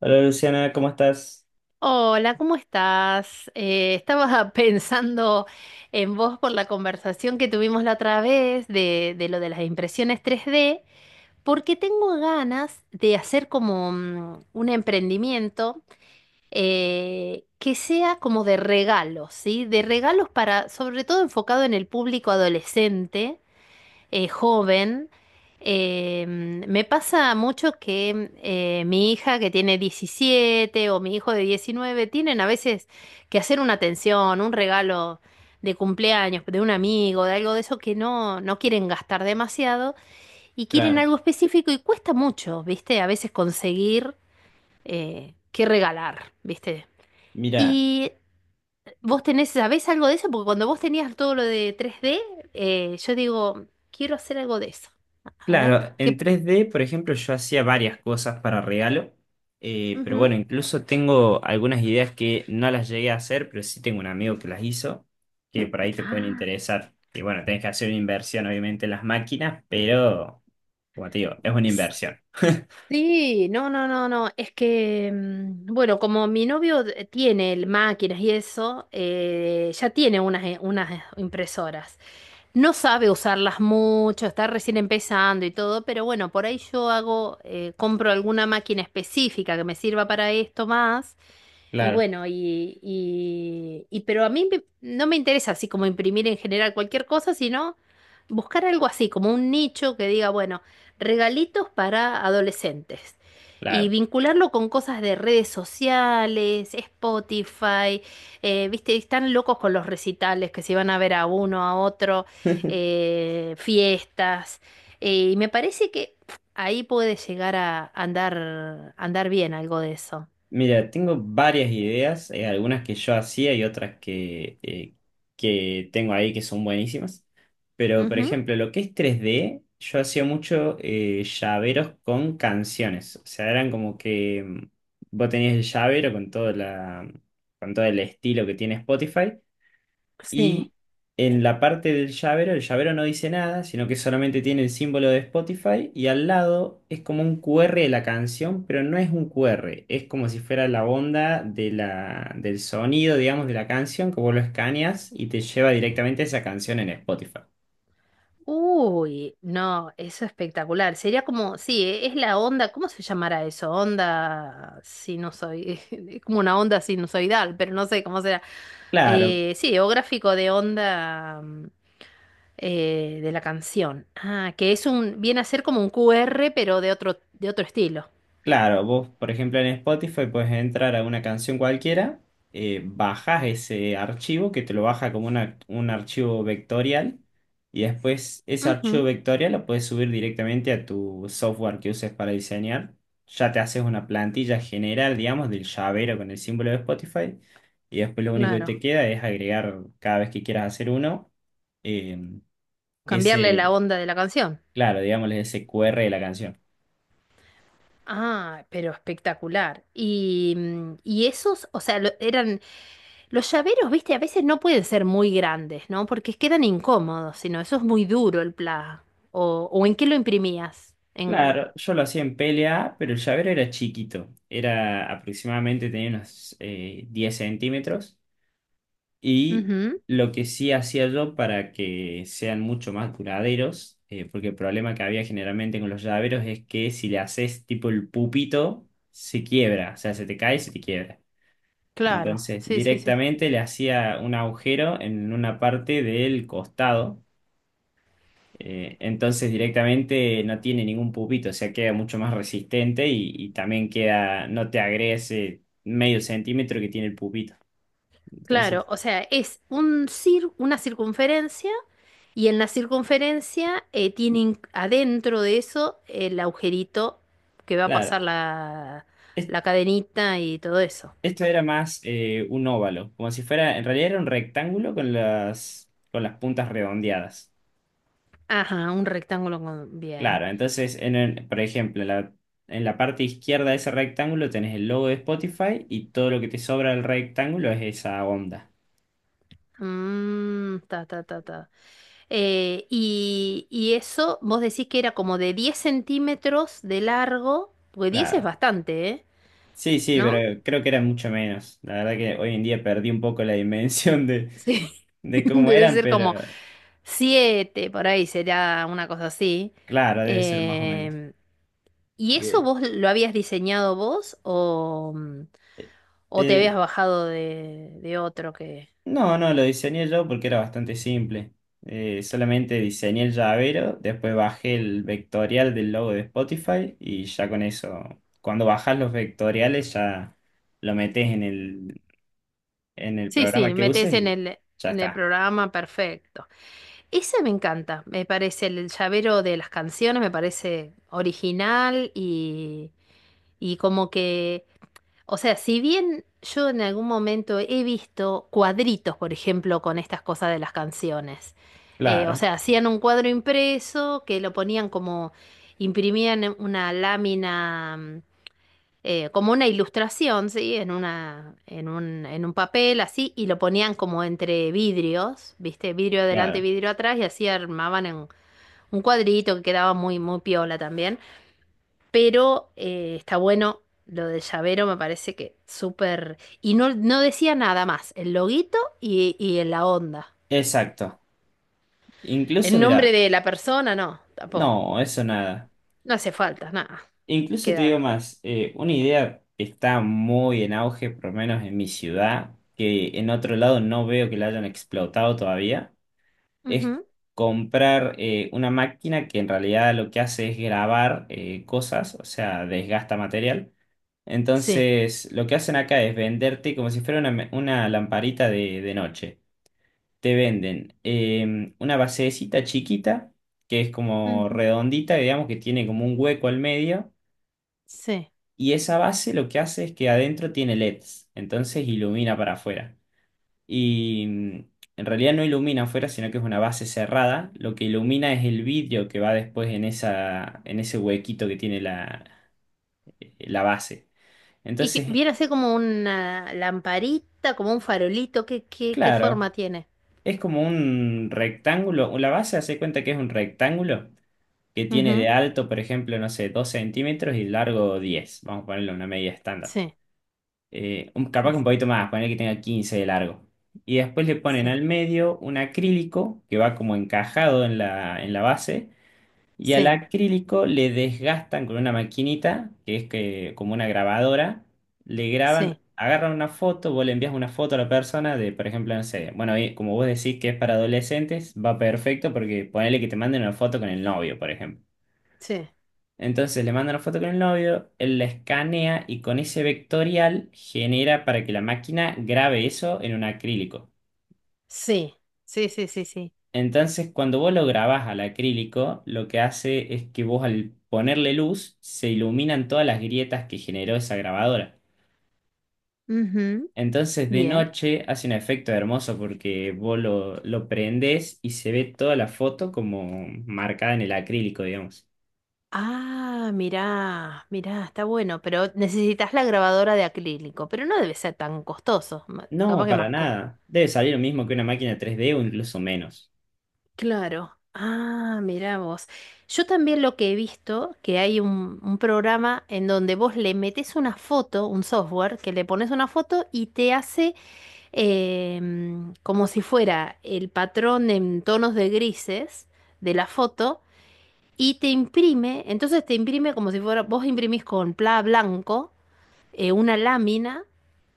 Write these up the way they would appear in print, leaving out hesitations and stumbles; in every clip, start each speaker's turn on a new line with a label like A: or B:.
A: Hola Luciana, ¿cómo estás?
B: Hola, ¿cómo estás? Estaba pensando en vos por la conversación que tuvimos la otra vez de lo de las impresiones tres d porque tengo ganas de hacer como un emprendimiento, que sea como de regalos, ¿sí? De regalos para, sobre todo enfocado en el público adolescente, joven. Me pasa mucho que mi hija que tiene 17 o mi hijo de 19 tienen a veces que hacer una atención, un regalo de cumpleaños, de un amigo, de algo de eso que no, no quieren gastar demasiado y quieren
A: Claro,
B: algo específico y cuesta mucho, ¿viste? A veces conseguir, qué regalar, ¿viste?
A: mira,
B: Y vos tenés, ¿sabés algo de eso? Porque cuando vos tenías todo lo de tres d, yo digo, quiero hacer algo de eso. A ver,
A: claro, en
B: qué
A: 3D, por ejemplo, yo hacía varias cosas para regalo, pero
B: ujú.
A: bueno, incluso tengo algunas ideas que no las llegué a hacer, pero sí tengo un amigo que las hizo, que por ahí te pueden
B: Ah,
A: interesar. Y bueno, tenés que hacer una inversión, obviamente, en las máquinas, pero, como te digo, es una inversión.
B: sí, no, no, no, no. Es que, bueno, como mi novio tiene máquinas y eso, ya tiene unas, unas impresoras. No sabe usarlas mucho, está recién empezando y todo, pero bueno, por ahí yo hago, compro alguna máquina específica que me sirva para esto más. Y
A: Claro,
B: bueno, pero a mí no me interesa así como imprimir en general cualquier cosa, sino buscar algo así, como un nicho que diga, bueno, regalitos para adolescentes. Y
A: claro.
B: vincularlo con cosas de redes sociales, Spotify, viste, están locos con los recitales que se van a ver a uno, a otro, fiestas. Y me parece que ahí puede llegar a andar bien algo de eso.
A: Mira, tengo varias ideas, algunas que yo hacía y otras que, que tengo ahí que son buenísimas. Pero, por ejemplo, lo que es tres d yo hacía mucho llaveros con canciones. O sea, eran como que vos tenías el llavero con con todo el estilo que tiene Spotify
B: Sí.
A: y en la parte del llavero, el llavero no dice nada, sino que solamente tiene el símbolo de Spotify y al lado es como un QR de la canción, pero no es un QR, es como si fuera la onda del sonido, digamos, de la canción, que vos lo escaneas y te lleva directamente a esa canción en Spotify.
B: Uy, no, eso es espectacular. Sería como, sí, es la onda, ¿cómo se llamará eso? Onda sinusoidal, es como una onda sinusoidal, pero no sé cómo será.
A: Claro,
B: Sí, o gráfico de onda, de la canción. Ah, que es un, viene a ser como un QR, pero de otro estilo.
A: claro, vos, por ejemplo, en Spotify puedes entrar a una canción cualquiera, bajas ese archivo que te lo baja como un archivo vectorial y después ese archivo
B: Ujú,
A: vectorial lo puedes subir directamente a tu software que uses para diseñar. Ya te haces una plantilla general, digamos, del llavero con el símbolo de Spotify y después lo único que te
B: claro.
A: queda es agregar cada vez que quieras hacer uno eh,
B: Cambiarle la
A: ese,
B: onda de la canción.
A: claro, digamos ese QR de la canción.
B: Ah, pero espectacular. Y, y esos, o sea, eran los llaveros, viste, a veces no pueden ser muy grandes, ¿no? Porque quedan incómodos, sino eso es muy duro el pla. O ¿en qué lo imprimías? En...
A: Claro, yo lo hacía en PLA, pero el llavero era chiquito. Era aproximadamente, tenía unos 10 centímetros. Y
B: Ujú,
A: lo que sí hacía yo para que sean mucho más duraderos, porque el problema que había generalmente con los llaveros es que si le haces tipo el pupito, se quiebra. O sea, se te cae y se te quiebra.
B: claro,
A: Entonces,
B: sí, sí, sí.
A: directamente le hacía un agujero en una parte del costado entonces directamente no tiene ningún pupito, o sea, queda mucho más resistente y también queda, no te agrega ese medio centímetro que tiene el pupito.
B: Claro,
A: Entonces,
B: o sea, es un una circunferencia y en la circunferencia, tiene adentro de eso el agujerito que va a pasar
A: claro,
B: la,
A: es-
B: la cadenita y todo eso.
A: esto era más un óvalo, como si fuera, en realidad era un rectángulo con con las puntas redondeadas.
B: Ajá, un rectángulo con... Bien.
A: Claro, entonces, por ejemplo, en la parte izquierda de ese rectángulo tenés el logo de Spotify y todo lo que te sobra del rectángulo es esa onda.
B: Mm, ta, ta, ta, ta. Y, y eso, vos decís que era como de 10 centímetros de largo, porque 10 es
A: Claro.
B: bastante, ¿eh?
A: Sí, sí,
B: ¿No?
A: pero creo que era mucho menos. La verdad que hoy en día perdí un poco la dimensión
B: Sí.
A: de cómo
B: Debe
A: eran,
B: ser como
A: pero
B: 7 por ahí, será una cosa así.
A: claro, debe ser más o menos.
B: Em, ¿Y
A: Y
B: eso
A: de-
B: vos lo habías diseñado vos o,
A: eh,
B: o te habías
A: eh,
B: bajado de otro que...
A: no, no, lo diseñé yo porque era bastante simple. Solamente diseñé el llavero, después bajé el vectorial del logo de Spotify y ya con eso, cuando bajas los vectoriales ya lo metes en en el
B: Sí,
A: programa
B: sí,
A: que
B: metés
A: uses y ya
B: en el
A: está.
B: programa, perfecto. Ese me encanta, me parece el llavero de las canciones, me parece original y como que, o sea, si bien yo en algún momento he visto cuadritos, por ejemplo, con estas cosas de las canciones, o
A: Claro,
B: sea, hacían un cuadro impreso que lo ponían como, imprimían una lámina, como una ilustración, ¿sí? En una, en un papel así, y lo ponían como entre vidrios, ¿viste? Vidrio adelante,
A: claro.
B: vidrio atrás, y así armaban en un cuadrito que quedaba muy, muy piola también. Pero está bueno lo del llavero, me parece que súper... Y no, no decía nada más, el loguito y en la onda.
A: Exacto. Incluso,
B: El
A: mira.
B: nombre de la persona, no, tampoco.
A: No, eso nada.
B: No hace falta, nada.
A: Incluso te digo
B: Queda.
A: más, una idea que está muy en auge, por lo menos en mi ciudad, que en otro lado no veo que la hayan explotado todavía, es
B: Ujú.
A: comprar una máquina que en realidad lo que hace es grabar cosas, o sea, desgasta material.
B: Sí.
A: Entonces, lo que hacen acá es venderte como si fuera una lamparita de noche. Te venden una basecita chiquita, que es como
B: Ujú.
A: redondita, digamos que tiene como un hueco al medio,
B: Sí.
A: y esa base lo que hace es que adentro tiene LEDs, entonces ilumina para afuera. Y mm, en realidad no ilumina afuera, sino que es una base cerrada, lo que ilumina es el vidrio que va después en esa, en ese huequito que tiene la base.
B: ¿Y que
A: Entonces,
B: viene así como una lamparita, como un farolito? ¿Qué, qué, qué
A: claro,
B: forma tiene?
A: es como un rectángulo, la base hace cuenta que es un rectángulo, que tiene de
B: Ujú.
A: alto, por ejemplo, no sé, 2 centímetros y largo 10. Vamos a ponerle una medida estándar.
B: Sí,
A: Capaz
B: sí,
A: que un
B: sí,
A: poquito más. Poner que tenga 15 de largo. Y después le ponen
B: sí,
A: al medio un acrílico que va como encajado en en la base. Y al
B: sí,
A: acrílico le desgastan con una maquinita, como una grabadora, le graban, agarran una foto, vos le envías una foto a la persona de, por ejemplo, no sé, bueno, y como vos decís que es para adolescentes, va perfecto porque ponele que te manden una foto con el novio, por ejemplo.
B: sí,
A: Entonces le manda una foto con el novio, él la escanea y con ese vectorial genera para que la máquina grabe eso en un acrílico.
B: sí, sí, sí, sí, sí, sí.
A: Entonces cuando vos lo grabás al acrílico, lo que hace es que vos al ponerle luz se iluminan todas las grietas que generó esa grabadora.
B: Ujú.
A: Entonces de
B: Bien.
A: noche hace un efecto hermoso porque lo prendés y se ve toda la foto como marcada en el acrílico, digamos.
B: Ah, mirá, mirá, está bueno, pero necesitas la grabadora de acrílico, pero no debe ser tan costoso,
A: No,
B: capaz que
A: para
B: más.
A: nada. Debe salir lo mismo que una máquina 3D o incluso menos.
B: Claro. Ah, mirá vos. Yo también lo que he visto, que hay un programa en donde vos le metes una foto, un software, que le pones una foto y te hace, como si fuera el patrón en tonos de grises de la foto y te imprime, entonces te imprime como si fuera, vos imprimís con pla blanco, una lámina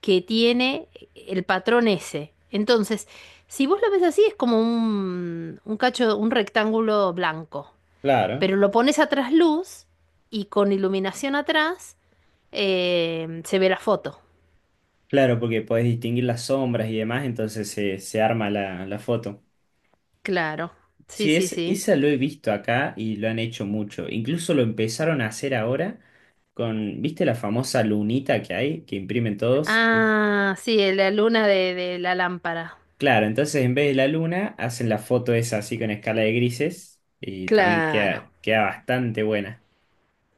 B: que tiene el patrón ese. Entonces, si vos lo ves así, es como un cacho, un rectángulo blanco.
A: Claro.
B: Pero lo pones a trasluz y con iluminación atrás, se ve la foto.
A: Claro, porque podés distinguir las sombras y demás, entonces se arma la foto.
B: Claro. Sí,
A: Sí,
B: sí,
A: es,
B: sí.
A: esa lo he visto acá y lo han hecho mucho. Incluso lo empezaron a hacer ahora con, ¿viste la famosa lunita que hay, que imprimen todos? Sí.
B: Ah, sí, la luna de la lámpara.
A: Claro, entonces en vez de la luna, hacen la foto esa así con escala de grises y también
B: Claro.
A: queda, queda bastante buena.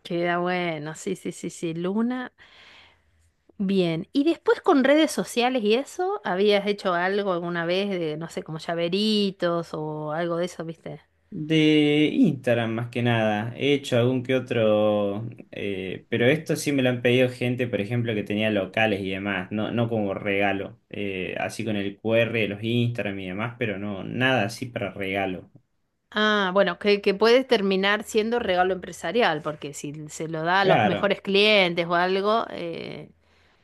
B: Queda bueno. Sí, sí, sí, sí. Luna. Bien, y después con redes sociales y eso, ¿habías hecho algo alguna vez de, no sé, como llaveritos o algo de eso, viste?
A: De Instagram más que nada. He hecho algún que otro, pero esto sí me lo han pedido gente, por ejemplo, que tenía locales y demás, no, no como regalo, así con el QR de los Instagram y demás, pero no, nada así para regalo.
B: Ah, bueno, que puede terminar siendo regalo empresarial, porque si se lo da a los
A: Claro,
B: mejores clientes o algo,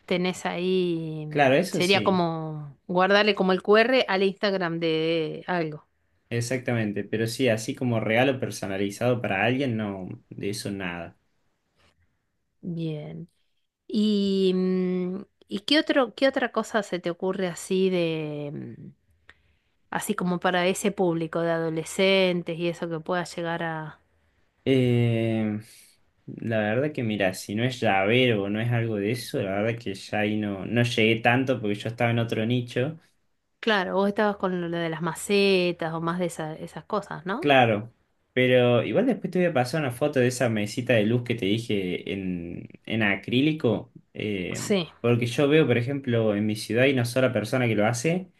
B: tenés ahí,
A: claro, eso
B: sería
A: sí,
B: como guardarle como el QR al Instagram de algo.
A: exactamente, pero sí, así como regalo personalizado para alguien, no, de eso nada.
B: Bien. ¿Y, ¿y qué otro, qué otra cosa se te ocurre así de... así como para ese público de adolescentes y eso que pueda llegar a...
A: Eh, la verdad que mira, si no es llavero o no es algo de eso, la verdad que ya ahí no, no llegué tanto porque yo estaba en otro nicho.
B: Claro, vos estabas con lo de las macetas o más de esas cosas, ¿no?
A: Claro, pero igual después te voy a pasar una foto de esa mesita de luz que te dije en acrílico,
B: Sí.
A: porque yo veo, por ejemplo, en mi ciudad hay una sola persona que lo hace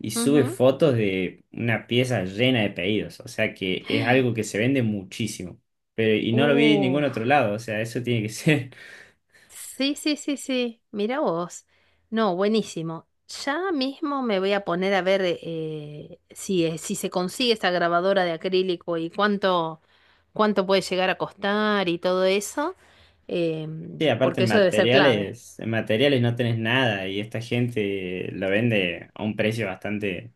A: y sube
B: Ujú.
A: fotos de una pieza llena de pedidos, o sea que es algo que se vende muchísimo, pero y no lo vi en ningún otro
B: Uf.
A: lado, o sea, eso tiene que ser.
B: Sí, sí, sí, sí. Mira vos. No, buenísimo. Ya mismo me voy a poner a ver, si, si se consigue esta grabadora de acrílico y cuánto, cuánto puede llegar a costar y todo eso,
A: Sí, aparte
B: porque eso debe ser clave.
A: en materiales no tenés nada y esta gente lo vende a un precio bastante.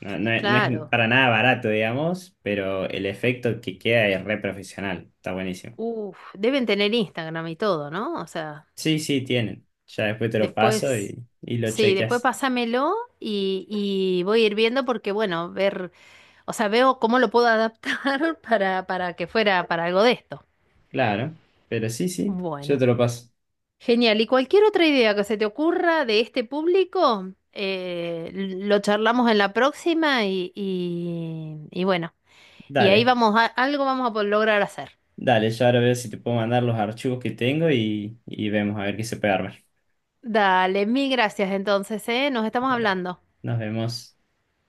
A: No, no es, no es
B: Claro.
A: para nada barato, digamos, pero el efecto que queda es re profesional. Está buenísimo.
B: Uf, deben tener Instagram y todo, ¿no? O sea,
A: Sí, sí, tienen. Ya después te lo paso
B: después,
A: y lo
B: sí, después
A: chequeas.
B: pásamelo y voy a ir viendo porque, bueno, ver, o sea, veo cómo lo puedo adaptar para que fuera para algo de esto.
A: Claro, pero sí, sí, yo
B: Bueno,
A: te lo paso.
B: genial. Y cualquier otra idea que se te ocurra de este público, lo charlamos en la próxima y, y bueno, y ahí
A: Dale,
B: vamos a, algo vamos a poder lograr hacer.
A: dale, yo ahora veo si te puedo mandar los archivos que tengo y vemos a ver qué se puede armar.
B: Dale, mil gracias entonces, ¿eh? Nos estamos hablando.
A: Nos vemos.